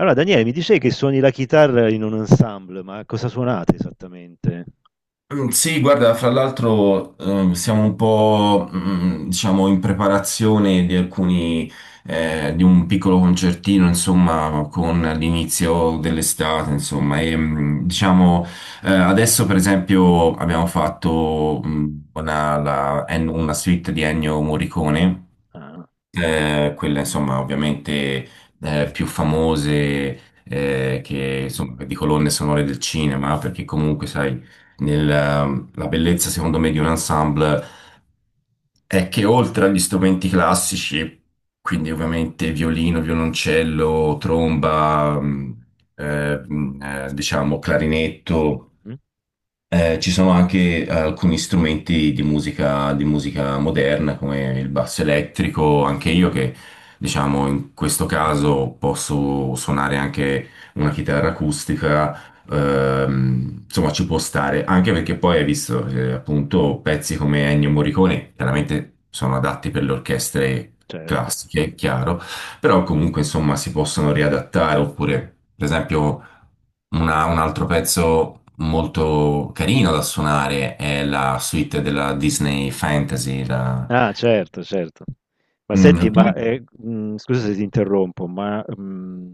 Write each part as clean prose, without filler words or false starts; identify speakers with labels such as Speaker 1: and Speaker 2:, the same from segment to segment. Speaker 1: Allora, Daniele, mi dicevi che suoni la chitarra in un ensemble, ma cosa suonate esattamente?
Speaker 2: Sì, guarda, fra l'altro siamo un po', diciamo, in preparazione di di un piccolo concertino, insomma, con l'inizio dell'estate, insomma, e diciamo, adesso per esempio abbiamo fatto una suite di Ennio Morricone,
Speaker 1: Ah,
Speaker 2: quelle insomma ovviamente più famose, che insomma di colonne sonore del cinema, perché comunque sai la bellezza secondo me di un ensemble è che oltre agli strumenti classici, quindi ovviamente violino, violoncello, tromba eh, mh, diciamo clarinetto,
Speaker 1: mm,
Speaker 2: ci sono anche alcuni strumenti di musica moderna, come il basso elettrico, anche io che diciamo in questo caso posso suonare anche una chitarra acustica, insomma ci può stare, anche perché poi hai visto, appunto pezzi come Ennio Morricone, chiaramente sono adatti per le orchestre
Speaker 1: certo.
Speaker 2: classiche, chiaro, però comunque insomma si possono riadattare, oppure per esempio... Un altro pezzo molto carino da suonare è la suite della Disney Fantasy.
Speaker 1: Ah, certo, certo. Ma senti,
Speaker 2: No.
Speaker 1: ma scusa se ti interrompo,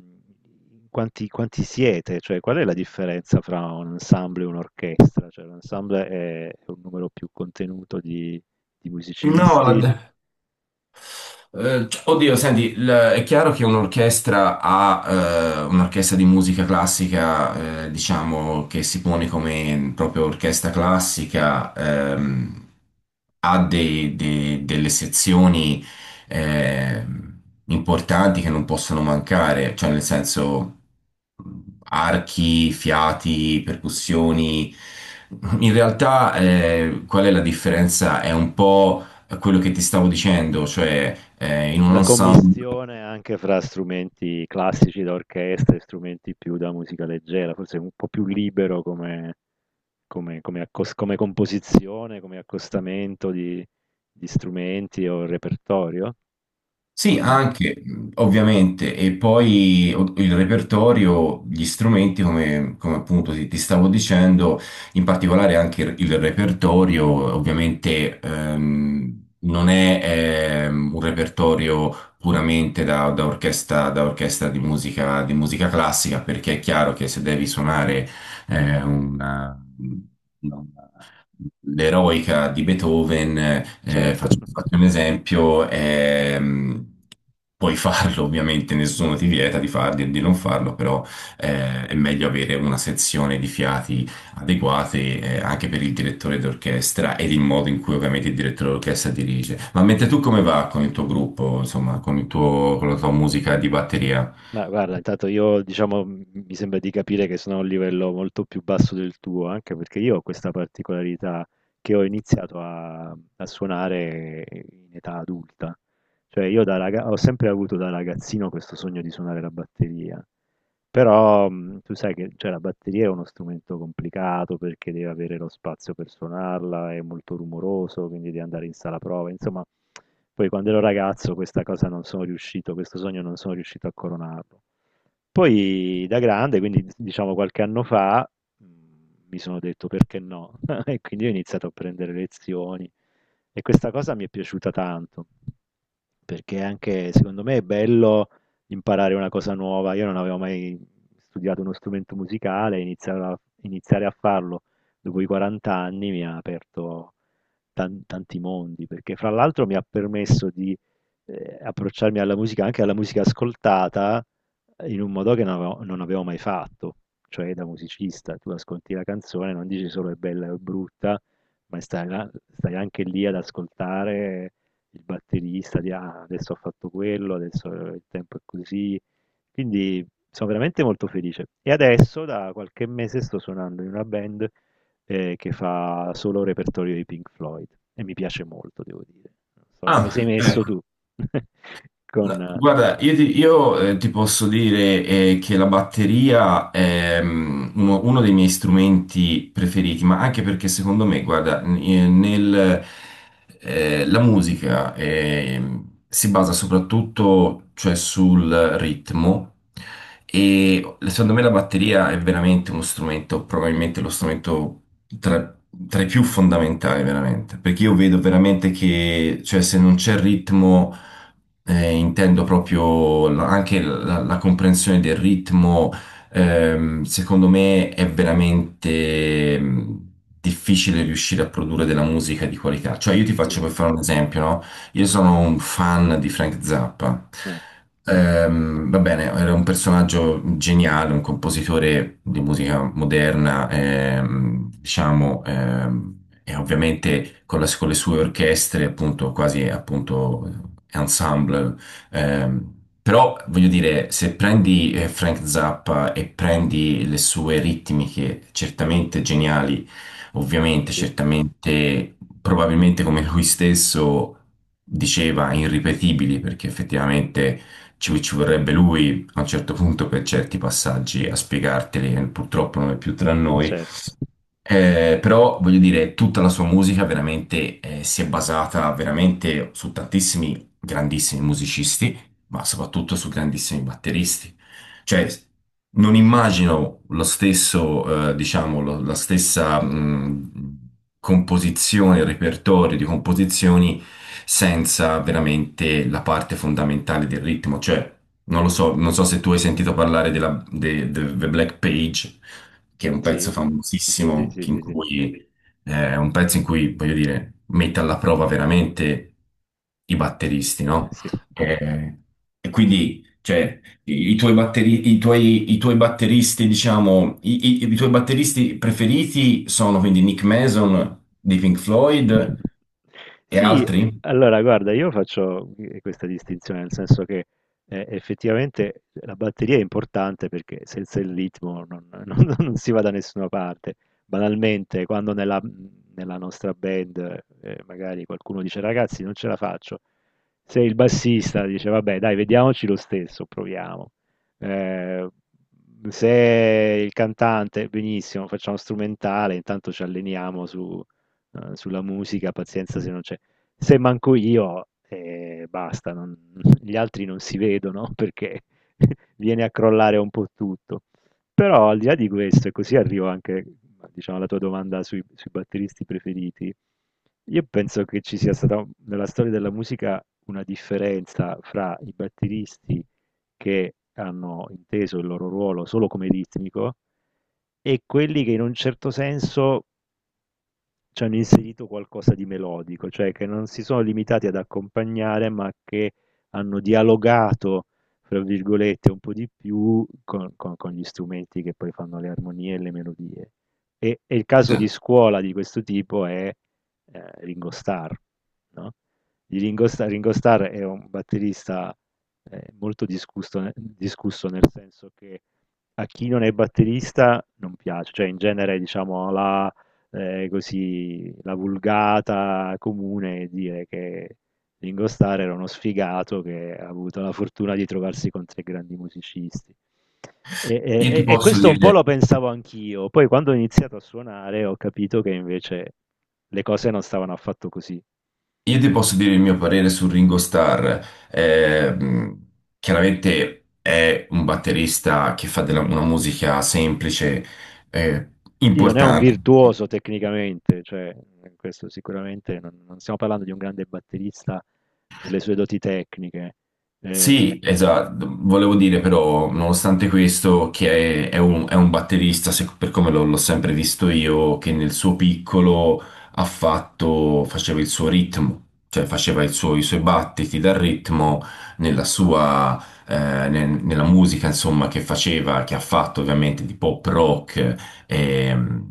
Speaker 1: quanti siete? Cioè, qual è la differenza fra un ensemble e un'orchestra? Cioè, l'ensemble è un numero più contenuto di
Speaker 2: No,
Speaker 1: musicisti?
Speaker 2: la- oddio, senti, è chiaro che un'orchestra di musica classica, diciamo, che si pone come proprio orchestra classica, ha delle sezioni ehm, importanti che non possono mancare, cioè nel senso mh, archi, fiati,
Speaker 1: Mm-hmm.
Speaker 2: percussioni. In realtà, qual è la differenza? È un po' a quello che ti stavo dicendo, cioè in un
Speaker 1: La
Speaker 2: ensemble.
Speaker 1: commistione anche fra strumenti classici da orchestra e strumenti più da musica leggera, forse un po' più libero come come come accos come composizione, come accostamento di strumenti o repertorio? O
Speaker 2: Sì,
Speaker 1: no?
Speaker 2: anche ovviamente, e poi il repertorio, gli strumenti, come, appunto ti stavo dicendo, in particolare anche il repertorio, ovviamente non è un repertorio puramente da orchestra di musica classica, perché è chiaro che se devi suonare eh, una, l'eroica di Beethoven, eh,
Speaker 1: Certo.
Speaker 2: faccio, faccio un esempio, puoi farlo ovviamente, nessuno ti vieta di farlo e di non farlo, però è meglio avere una sezione di fiati adeguate, anche per il direttore d'orchestra ed il modo in cui ovviamente il direttore d'orchestra dirige. Ma mentre tu come va con il tuo gruppo, insomma, con con la tua musica di batteria?
Speaker 1: Ma guarda, intanto io diciamo mi sembra di capire che sono a un livello molto più basso del tuo, anche perché io ho questa particolarità che ho iniziato a suonare in età adulta. Cioè io ho sempre avuto da ragazzino questo sogno di suonare la batteria, però tu sai che, cioè, la batteria è uno strumento complicato perché deve avere lo spazio per suonarla, è molto rumoroso, quindi devi andare in sala prova, insomma, poi quando ero ragazzo questa cosa non sono riuscito, questo sogno non sono riuscito a coronarlo. Poi da grande, quindi diciamo qualche anno fa, mh, mi sono detto perché no? E quindi ho iniziato a prendere lezioni e questa cosa mi è piaciuta tanto, perché anche secondo me è bello imparare una cosa nuova. Io non avevo mai studiato uno strumento musicale, iniziare a farlo dopo i 40 anni mi ha aperto tanti mondi, perché fra l'altro mi ha permesso di approcciarmi alla musica, anche alla musica ascoltata, in un modo che non avevo mai fatto, cioè da musicista. Tu ascolti la canzone, non dici solo è bella o è brutta, ma stai anche lì ad ascoltare il batterista, di "Ah, adesso ho fatto quello, adesso il tempo è così." Quindi sono veramente molto felice. E adesso da qualche mese sto suonando in una band che fa solo repertorio di Pink Floyd e mi piace molto, devo dire. Non so come
Speaker 2: Ah,
Speaker 1: sei messo
Speaker 2: ecco.
Speaker 1: tu. Con
Speaker 2: No, guarda, io ti posso dire che la batteria è uno dei miei strumenti preferiti, ma anche perché secondo me, guarda, la musica si basa soprattutto, cioè, sul ritmo, e secondo me la batteria è veramente uno strumento, probabilmente lo strumento tra, tra i più fondamentali, veramente, perché io vedo veramente che, cioè, se non c'è ritmo, intendo proprio anche la comprensione del ritmo, secondo me è veramente... difficile riuscire a produrre della musica di qualità. Cioè, io ti
Speaker 1: sì,
Speaker 2: faccio per fare un esempio, no? Io sono un fan di Frank Zappa.
Speaker 1: eh,
Speaker 2: Va bene, era un personaggio geniale, un compositore di musica moderna, diciamo, e ovviamente con le sue orchestre, appunto, quasi appunto ensemble. ehm, Però voglio dire, se prendi Frank Zappa e prendi le sue ritmiche certamente geniali. Ovviamente,
Speaker 1: sì,
Speaker 2: certamente, probabilmente come lui stesso diceva, irripetibili, perché effettivamente ci vorrebbe lui a un certo punto per certi passaggi a spiegarteli, e purtroppo non è più tra noi.
Speaker 1: cer
Speaker 2: Però voglio dire, tutta la sua musica veramente si è basata veramente su tantissimi grandissimi musicisti, ma soprattutto su grandissimi batteristi. Cioè, non immagino lo stesso, diciamo, la stessa composizione, il repertorio di composizioni senza veramente la parte fondamentale del ritmo. Cioè, non lo so, non so se tu hai sentito parlare del The Black Page, che è un pezzo
Speaker 1: sì, sì,
Speaker 2: famosissimo,
Speaker 1: sì,
Speaker 2: in
Speaker 1: sì, sì,
Speaker 2: cui, è un pezzo in cui, voglio dire, mette alla prova veramente i batteristi,
Speaker 1: eh
Speaker 2: no?
Speaker 1: sì.
Speaker 2: Eh, e quindi, cioè, i tuoi batteristi, diciamo, i tuoi batteristi preferiti sono quindi Nick Mason di Pink Floyd e
Speaker 1: Sì,
Speaker 2: altri?
Speaker 1: allora guarda, io faccio questa distinzione, nel senso che effettivamente la batteria è importante perché senza il ritmo non, non si va da nessuna parte. Banalmente, quando nella nostra band magari qualcuno dice ragazzi non ce la faccio, se il bassista dice vabbè dai vediamoci lo stesso, proviamo. Eh, se il cantante, benissimo, facciamo strumentale, intanto ci alleniamo su sulla musica, pazienza se non c'è. Se manco io, basta, non gli altri non si vedono perché viene a crollare un po' tutto. Però al di là di questo, e così arrivo anche, diciamo, alla tua domanda sui batteristi preferiti, io penso che ci sia stata nella storia della musica una differenza fra i batteristi che hanno inteso il loro ruolo solo come ritmico e quelli che in un certo senso ci hanno inserito qualcosa di melodico, cioè che non si sono limitati ad accompagnare, ma che hanno dialogato, fra virgolette, un po' di più con, con gli strumenti che poi fanno le armonie e le melodie. E il caso di
Speaker 2: Esatto.
Speaker 1: scuola di questo tipo è Ringo Starr, no? Di Ringo Starr, Ringo Starr è un batterista molto discusso, discusso nel senso che a chi non è batterista non piace, cioè in genere diciamo così, la vulgata comune è dire che Ringo Starr era uno sfigato che ha avuto la fortuna di trovarsi con tre grandi musicisti. E, e-
Speaker 2: Io
Speaker 1: e-
Speaker 2: ti
Speaker 1: e
Speaker 2: posso
Speaker 1: questo un po'
Speaker 2: dire
Speaker 1: lo pensavo anch'io, poi quando ho iniziato a suonare ho capito che invece le cose non stavano affatto così.
Speaker 2: Io ti posso dire il mio parere su Ringo Starr. Eh, mh, Chiaramente è un batterista che fa una musica semplice, eh,
Speaker 1: Sì, non è un
Speaker 2: importante.
Speaker 1: virtuoso tecnicamente, cioè, questo sicuramente non stiamo parlando di un grande batterista per le sue doti tecniche. Ehm,
Speaker 2: Sì, esatto, volevo dire però, nonostante questo, che è un batterista, per come l'ho sempre visto io, che nel suo piccolo ha fatto, faceva il suo ritmo, cioè faceva i suoi battiti dal ritmo nella sua, nella musica, insomma, che faceva, che ha fatto ovviamente di pop rock. ehm,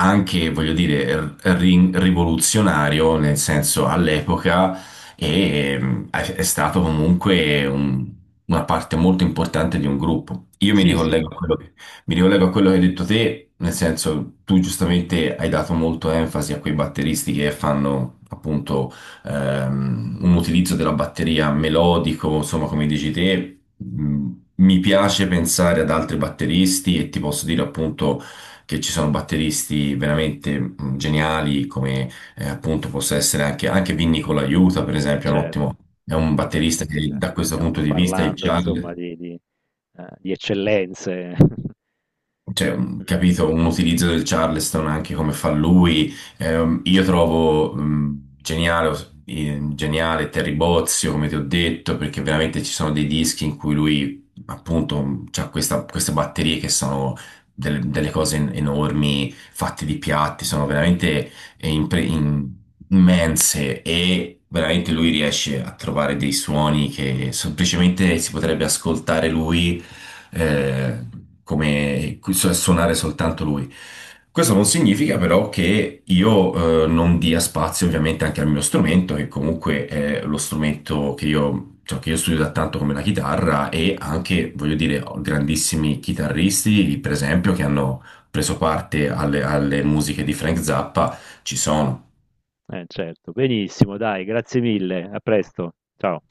Speaker 2: Anche, voglio dire, rivoluzionario, nel senso all'epoca, è stato comunque una parte molto importante di un gruppo. Io mi
Speaker 1: sì, sì,
Speaker 2: ricollego a quello che, Mi ricollego a quello che hai detto te, nel senso tu giustamente hai dato molto enfasi a quei batteristi che fanno appunto un utilizzo della batteria melodico, insomma, come dici te. Mi piace pensare ad altri batteristi, e ti posso dire appunto che ci sono batteristi veramente geniali, come appunto possa essere anche, anche Vinny Colaiuta, per esempio, è un
Speaker 1: certo.
Speaker 2: ottimo, è un
Speaker 1: Vabbè,
Speaker 2: batterista
Speaker 1: sì, sì,
Speaker 2: che da
Speaker 1: qui
Speaker 2: questo punto
Speaker 1: stiamo
Speaker 2: di vista, il
Speaker 1: parlando insomma
Speaker 2: Charlie.
Speaker 1: di di eccellenze.
Speaker 2: Cioè,
Speaker 1: Mh,
Speaker 2: capito, un utilizzo del Charleston anche come fa lui. Io trovo geniale Terry Bozzio, come ti ho detto, perché veramente ci sono dei dischi in cui lui, appunto, ha queste batterie che sono delle cose enormi, fatte di piatti, sono veramente eh, impre- in- immense, e veramente lui riesce a trovare dei suoni che semplicemente si potrebbe ascoltare lui
Speaker 1: mh,
Speaker 2: eh, come suonare soltanto lui. Questo non significa però che io non dia spazio ovviamente anche al mio strumento, che comunque è lo strumento che che io studio da tanto, come la chitarra, e anche, voglio dire, ho grandissimi chitarristi, per esempio, che hanno preso parte alle musiche di Frank Zappa, ci sono.
Speaker 1: eh certo. Benissimo dai, grazie mille, a presto. Ciao.